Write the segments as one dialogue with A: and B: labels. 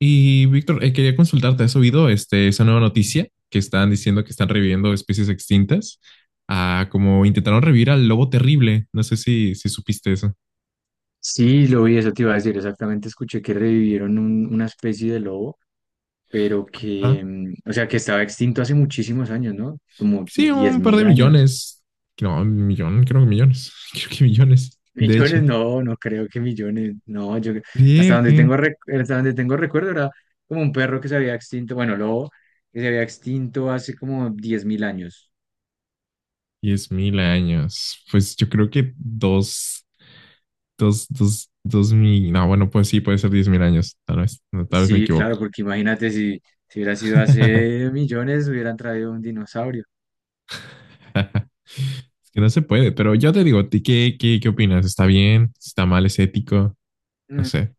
A: Y Víctor, quería consultarte, ¿has oído este, esa nueva noticia que están diciendo que están reviviendo especies extintas? Ah, como intentaron revivir al lobo terrible. No sé si supiste eso.
B: Sí, lo vi, eso te iba a decir, exactamente escuché que revivieron una especie de lobo, pero
A: Ajá.
B: que, o sea, que estaba extinto hace muchísimos años, ¿no? Como
A: Sí,
B: diez
A: un par de
B: mil años.
A: millones. No, un millón, creo que millones. Creo que millones. De hecho,
B: Millones, no, no creo que millones, no, yo hasta
A: creía
B: donde
A: que
B: tengo rec- hasta donde tengo recuerdo era como un perro que se había extinto, bueno, lobo que se había extinto hace como 10.000 años.
A: 10 mil años. Pues yo creo que dos mil. No, bueno, pues sí, puede ser 10.000 años. Tal vez, no, tal vez me
B: Sí, claro,
A: equivoco.
B: porque imagínate si hubiera sido hace millones, hubieran traído un dinosaurio.
A: Es que no se puede, pero yo te digo, ¿ti ¿qué opinas? ¿Está bien? ¿Está mal? ¿Es ético? No
B: Mm.
A: sé.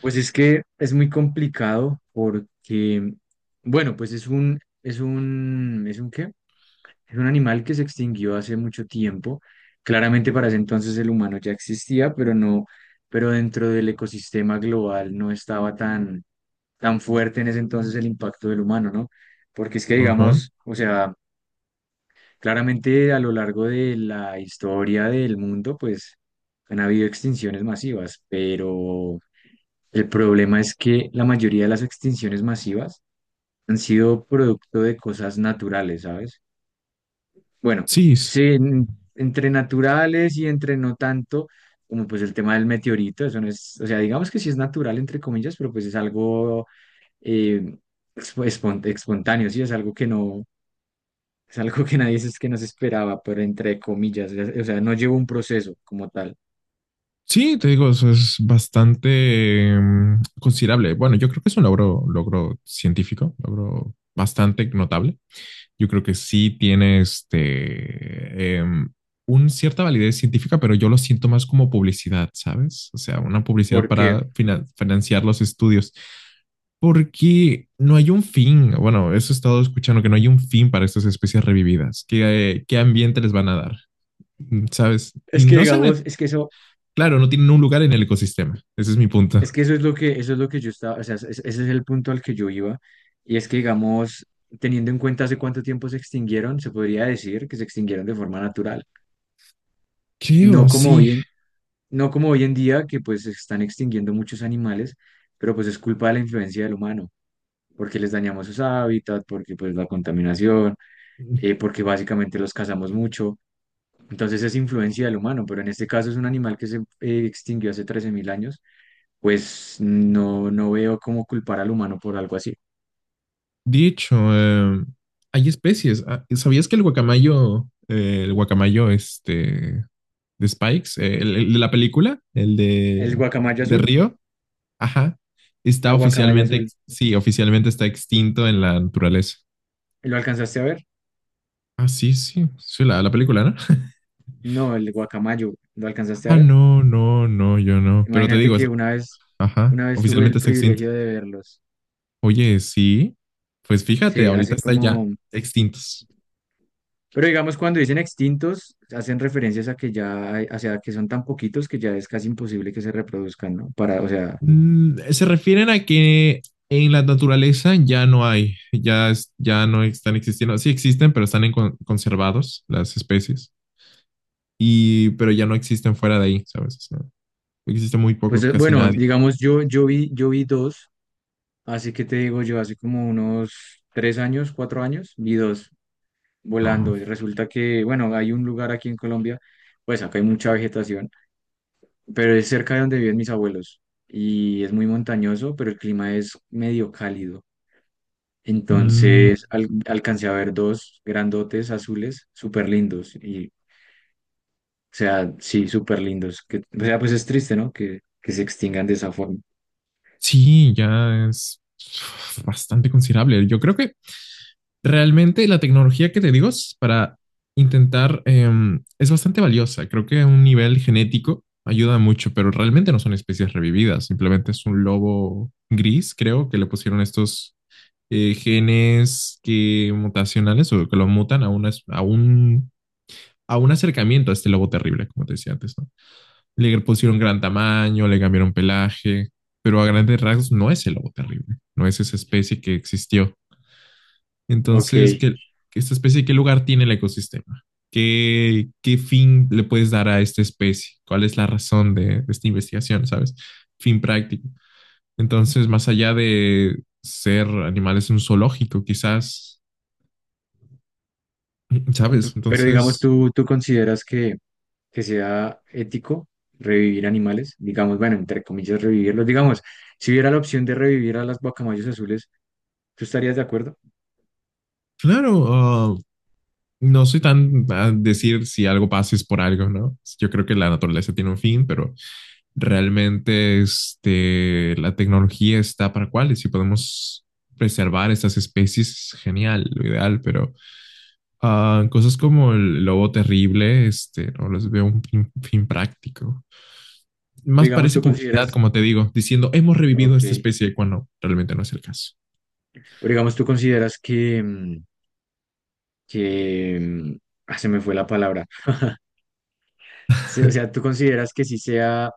B: Pues es que es muy complicado porque, bueno, pues ¿es un qué? Es un animal que se extinguió hace mucho tiempo. Claramente para ese entonces el humano ya existía, pero no, pero dentro del ecosistema global no estaba tan, tan fuerte en ese entonces el impacto del humano, ¿no? Porque es que
A: Ajá.
B: digamos, o sea, claramente a lo largo de la historia del mundo, pues han habido extinciones masivas, pero el problema es que la mayoría de las extinciones masivas han sido producto de cosas naturales, ¿sabes? Bueno,
A: Sí,
B: sí, entre naturales y entre no tanto, como pues el tema del meteorito, eso no es, o sea, digamos que sí es natural, entre comillas, pero pues es algo eh, espontáneo, sí, es algo que nadie es que no se esperaba, pero entre comillas, o sea, no lleva un proceso como tal,
A: sí, te digo, eso es bastante considerable. Bueno, yo creo que es un logro, logro científico, logro bastante notable. Yo creo que sí tiene este, un cierta validez científica, pero yo lo siento más como publicidad, ¿sabes? O sea, una publicidad para
B: porque
A: financiar los estudios, porque no hay un fin. Bueno, eso he estado escuchando, que no hay un fin para estas especies revividas. ¿Qué ambiente les van a dar? ¿Sabes? Y
B: es que
A: no se.
B: digamos,
A: Claro, no tienen un lugar en el ecosistema. Ese es mi
B: es
A: punto.
B: que eso es lo que, yo estaba, o sea, ese es el punto al que yo iba, y es que, digamos, teniendo en cuenta hace cuánto tiempo se extinguieron, se podría decir que se extinguieron de forma natural.
A: Creo,
B: No como
A: sí.
B: hoy en, no como hoy en día, que pues se están extinguiendo muchos animales, pero pues es culpa de la influencia del humano, porque les dañamos sus hábitats, porque pues la contaminación, porque básicamente los cazamos mucho. Entonces es influencia del humano, pero en este caso es un animal que se extinguió hace 13.000 años, pues no, no veo cómo culpar al humano por algo así.
A: Dicho, hay especies. Ah, ¿sabías que el guacamayo este, de Spikes, el de la película, el
B: El
A: de,
B: guacamayo
A: de
B: azul,
A: Río, ajá,
B: la
A: está
B: guacamaya
A: oficialmente,
B: azul,
A: sí, oficialmente está extinto en la naturaleza.
B: ¿lo alcanzaste a ver?
A: Ah, sí, sí, sí, la película, ¿no?
B: No, el guacamayo, ¿lo alcanzaste a
A: Ah,
B: ver?
A: no, no, no, yo no. Pero te
B: Imagínate
A: digo,
B: que
A: ajá,
B: una vez tuve el
A: oficialmente está extinto.
B: privilegio de verlos.
A: Oye, sí, pues fíjate,
B: Sí,
A: ahorita
B: así
A: están ya
B: como,
A: extintos.
B: pero digamos cuando dicen extintos, hacen referencias a que ya, o sea, que son tan poquitos que ya es casi imposible que se reproduzcan, ¿no? Para, o sea,
A: Mm, se refieren a que en la naturaleza ya no hay, ya no están existiendo. Sí existen, pero están en conservados las especies, pero ya no existen fuera de ahí, ¿sabes? O sea, existen muy
B: pues
A: pocos, casi
B: bueno,
A: nadie.
B: digamos yo vi dos, así que te digo yo, hace como unos 3 años, 4 años, vi dos
A: Ah,
B: volando. Y resulta que, bueno, hay un lugar aquí en Colombia, pues acá hay mucha vegetación, pero es cerca de donde viven mis abuelos y es muy montañoso, pero el clima es medio cálido.
A: mm,
B: Entonces alcancé a ver dos grandotes azules súper lindos y, o sea, sí, súper lindos. Que, o sea, pues es triste, ¿no? Que se extingan de esa forma.
A: sí, ya es bastante considerable. Yo creo que realmente la tecnología que te digo es para intentar, es bastante valiosa. Creo que a un nivel genético ayuda mucho, pero realmente no son especies revividas. Simplemente es un lobo gris, creo, que le pusieron estos genes que mutacionales o que lo mutan a un acercamiento a este lobo terrible, como te decía antes, ¿no? Le pusieron gran tamaño, le cambiaron pelaje, pero a grandes rasgos no es el lobo terrible, no es esa especie que existió.
B: Ok.
A: Entonces, esta especie, ¿qué lugar tiene el ecosistema? ¿Qué fin le puedes dar a esta especie? ¿Cuál es la razón de esta investigación, sabes? Fin práctico. Entonces, más allá de ser animales en un zoológico, quizás, ¿sabes?
B: Pero digamos,
A: Entonces,
B: tú consideras que sea ético revivir animales, digamos, bueno, entre comillas, revivirlos, digamos, si hubiera la opción de revivir a las guacamayos azules, ¿tú estarías de acuerdo?
A: claro, ah, no soy tan a decir si algo pasa es por algo, ¿no? Yo creo que la naturaleza tiene un fin, pero realmente este, la tecnología está para cuáles si podemos preservar estas especies, genial, lo ideal, pero ah, cosas como el lobo terrible, este, no les veo un fin, fin práctico. Más
B: Digamos,
A: parece
B: tú
A: publicidad,
B: consideras,
A: como te digo, diciendo hemos revivido
B: ok,
A: esta especie cuando realmente no es el caso.
B: o digamos, tú consideras que, que, mm, ah, se me fue la palabra. O sea, tú consideras que sí sea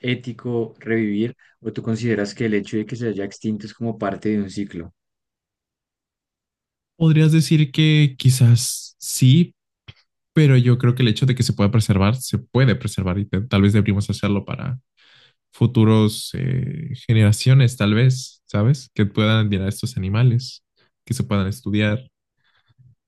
B: ético revivir, o tú consideras que el hecho de que se haya extinto es como parte de un ciclo,
A: Podrías decir que quizás sí, pero yo creo que el hecho de que se pueda preservar, se puede preservar y tal vez deberíamos hacerlo para futuros generaciones, tal vez, ¿sabes? Que puedan admirar a estos animales, que se puedan estudiar.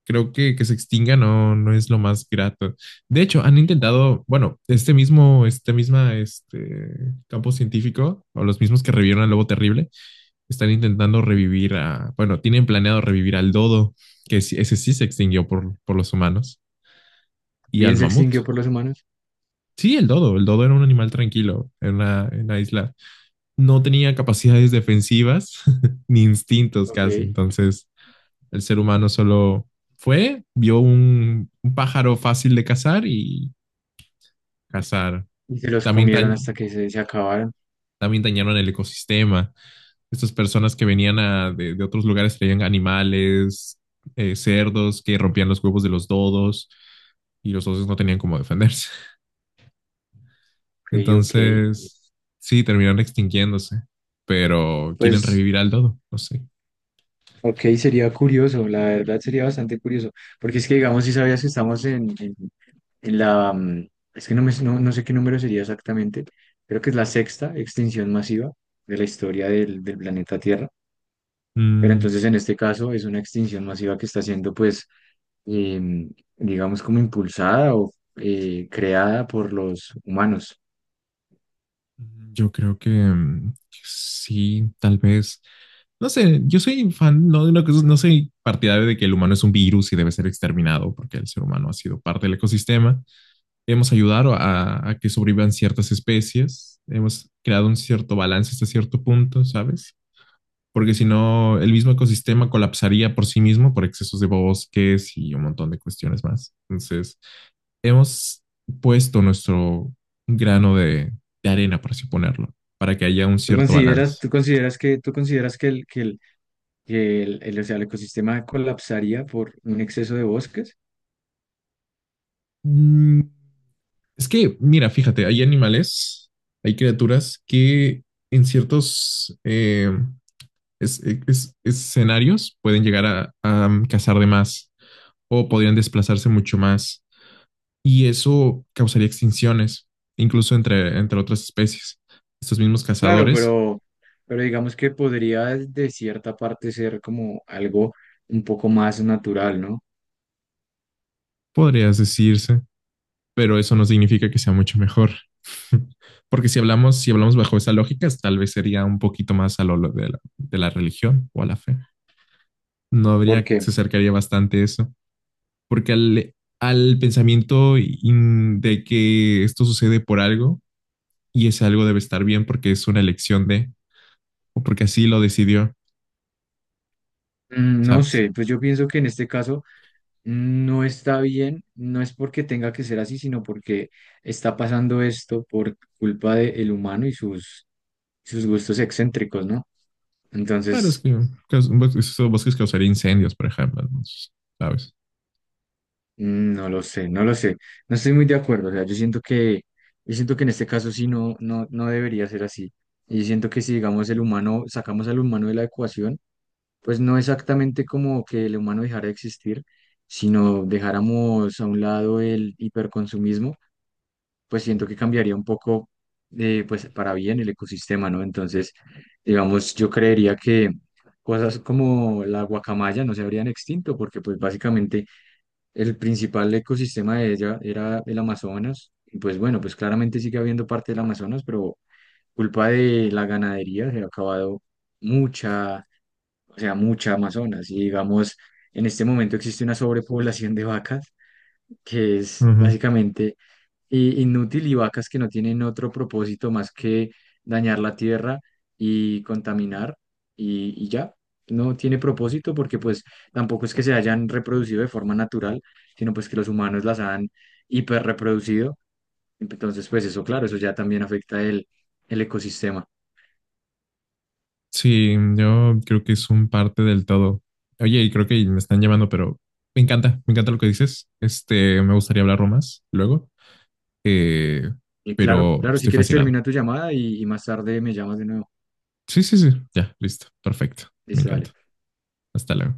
A: Creo que se extinga no, no es lo más grato. De hecho, han intentado, bueno, este campo científico, o los mismos que revivieron al lobo terrible, están intentando revivir bueno, tienen planeado revivir al dodo, que ese sí se extinguió por los humanos, y
B: bien
A: al
B: se
A: mamut.
B: extinguió por los humanos,
A: Sí, el dodo era un animal tranquilo en una isla, no tenía capacidades defensivas ni instintos casi.
B: ok,
A: Entonces, el ser humano solo fue, vio un, pájaro fácil de cazar y cazar.
B: y se los
A: También,
B: comieron
A: dañ-
B: hasta que se acabaron,
A: también dañaron el ecosistema. Estas personas que venían de otros lugares traían animales, cerdos que rompían los huevos de los dodos y los osos no tenían cómo defenderse.
B: ok, ok.
A: Entonces, sí, terminaron extinguiéndose, pero quieren
B: Pues
A: revivir al dodo, no sé.
B: ok, sería curioso, la verdad sería bastante curioso, porque es que digamos, si sabías que estamos en la, mm, es que no, me, no, no sé qué número sería exactamente, creo que es la sexta extinción masiva de la historia del planeta Tierra, pero
A: Mm.
B: entonces en este caso es una extinción masiva que está siendo, pues, em, digamos, como impulsada o creada por los humanos.
A: Yo creo que sí, tal vez. No sé, yo soy fan, no, de una cosa, no soy partidario de que el humano es un virus y debe ser exterminado, porque el ser humano ha sido parte del ecosistema. Hemos ayudado a que sobrevivan ciertas especies, hemos creado un cierto balance hasta cierto punto, ¿sabes? Porque si no, el mismo ecosistema colapsaría por sí mismo por excesos de bosques y un montón de cuestiones más. Entonces, hemos puesto nuestro grano de arena, por así ponerlo, para que haya un
B: ¿Tú
A: cierto
B: consideras,
A: balance.
B: tú consideras que, tú consideras que o sea, el ecosistema colapsaría por un exceso de bosques?
A: Mm, Es que, mira, fíjate, hay animales, hay criaturas que en ciertos escenarios pueden llegar a cazar de más o podrían desplazarse mucho más y eso causaría extinciones, incluso entre otras especies. Estos mismos
B: Claro,
A: cazadores,
B: pero, digamos que podría de cierta parte ser como algo un poco más natural, ¿no?
A: podrías decirse, pero eso no significa que sea mucho mejor. Porque si hablamos bajo esa lógica, tal vez sería un poquito más a lo de la, religión o a la fe. No habría,
B: Porque,
A: se acercaría bastante a eso. Porque al pensamiento de que esto sucede por algo y ese algo debe estar bien porque es una elección de, o porque así lo decidió,
B: no
A: ¿sabes?
B: sé, pues yo pienso que en este caso no está bien, no es porque tenga que ser así, sino porque está pasando esto por culpa del humano y sus gustos excéntricos, ¿no?
A: Claro, es
B: Entonces,
A: que esos bosques causaría incendios, por ejemplo, ¿no? ¿Sabes?
B: No lo sé, no lo sé. No estoy muy de acuerdo. O sea, yo siento que en este caso sí no, no, no debería ser así. Y yo siento que si, digamos, el humano, sacamos al humano de la ecuación, pues no exactamente como que el humano dejara de existir, sino dejáramos a un lado el hiperconsumismo, pues siento que cambiaría un poco, pues para bien el ecosistema, ¿no? Entonces, digamos, yo creería que cosas como la guacamaya no se habrían extinto, porque pues básicamente el principal ecosistema de ella era el Amazonas. Y pues bueno, pues claramente sigue habiendo parte del Amazonas, pero culpa de la ganadería se ha acabado mucha, o sea, mucha Amazonas. Y digamos, en este momento existe una sobrepoblación de vacas que es
A: Ujú.
B: básicamente inútil, y vacas que no tienen otro propósito más que dañar la tierra y contaminar, y ya. No tiene propósito porque pues tampoco es que se hayan reproducido de forma natural, sino pues que los humanos las han hiperreproducido. Entonces pues eso, claro, eso ya también afecta el ecosistema.
A: Sí, yo creo que es un parte del todo. Oye, y creo que me están llamando, pero me encanta lo que dices. Este, me gustaría hablarlo más luego, eh,
B: Y claro,
A: pero
B: claro, si
A: estoy
B: quieres
A: fascinado.
B: termina tu llamada, y más tarde me llamas de nuevo.
A: Sí, sí, sí, ya, listo, perfecto, me
B: Listo, dale.
A: encanta. Hasta luego.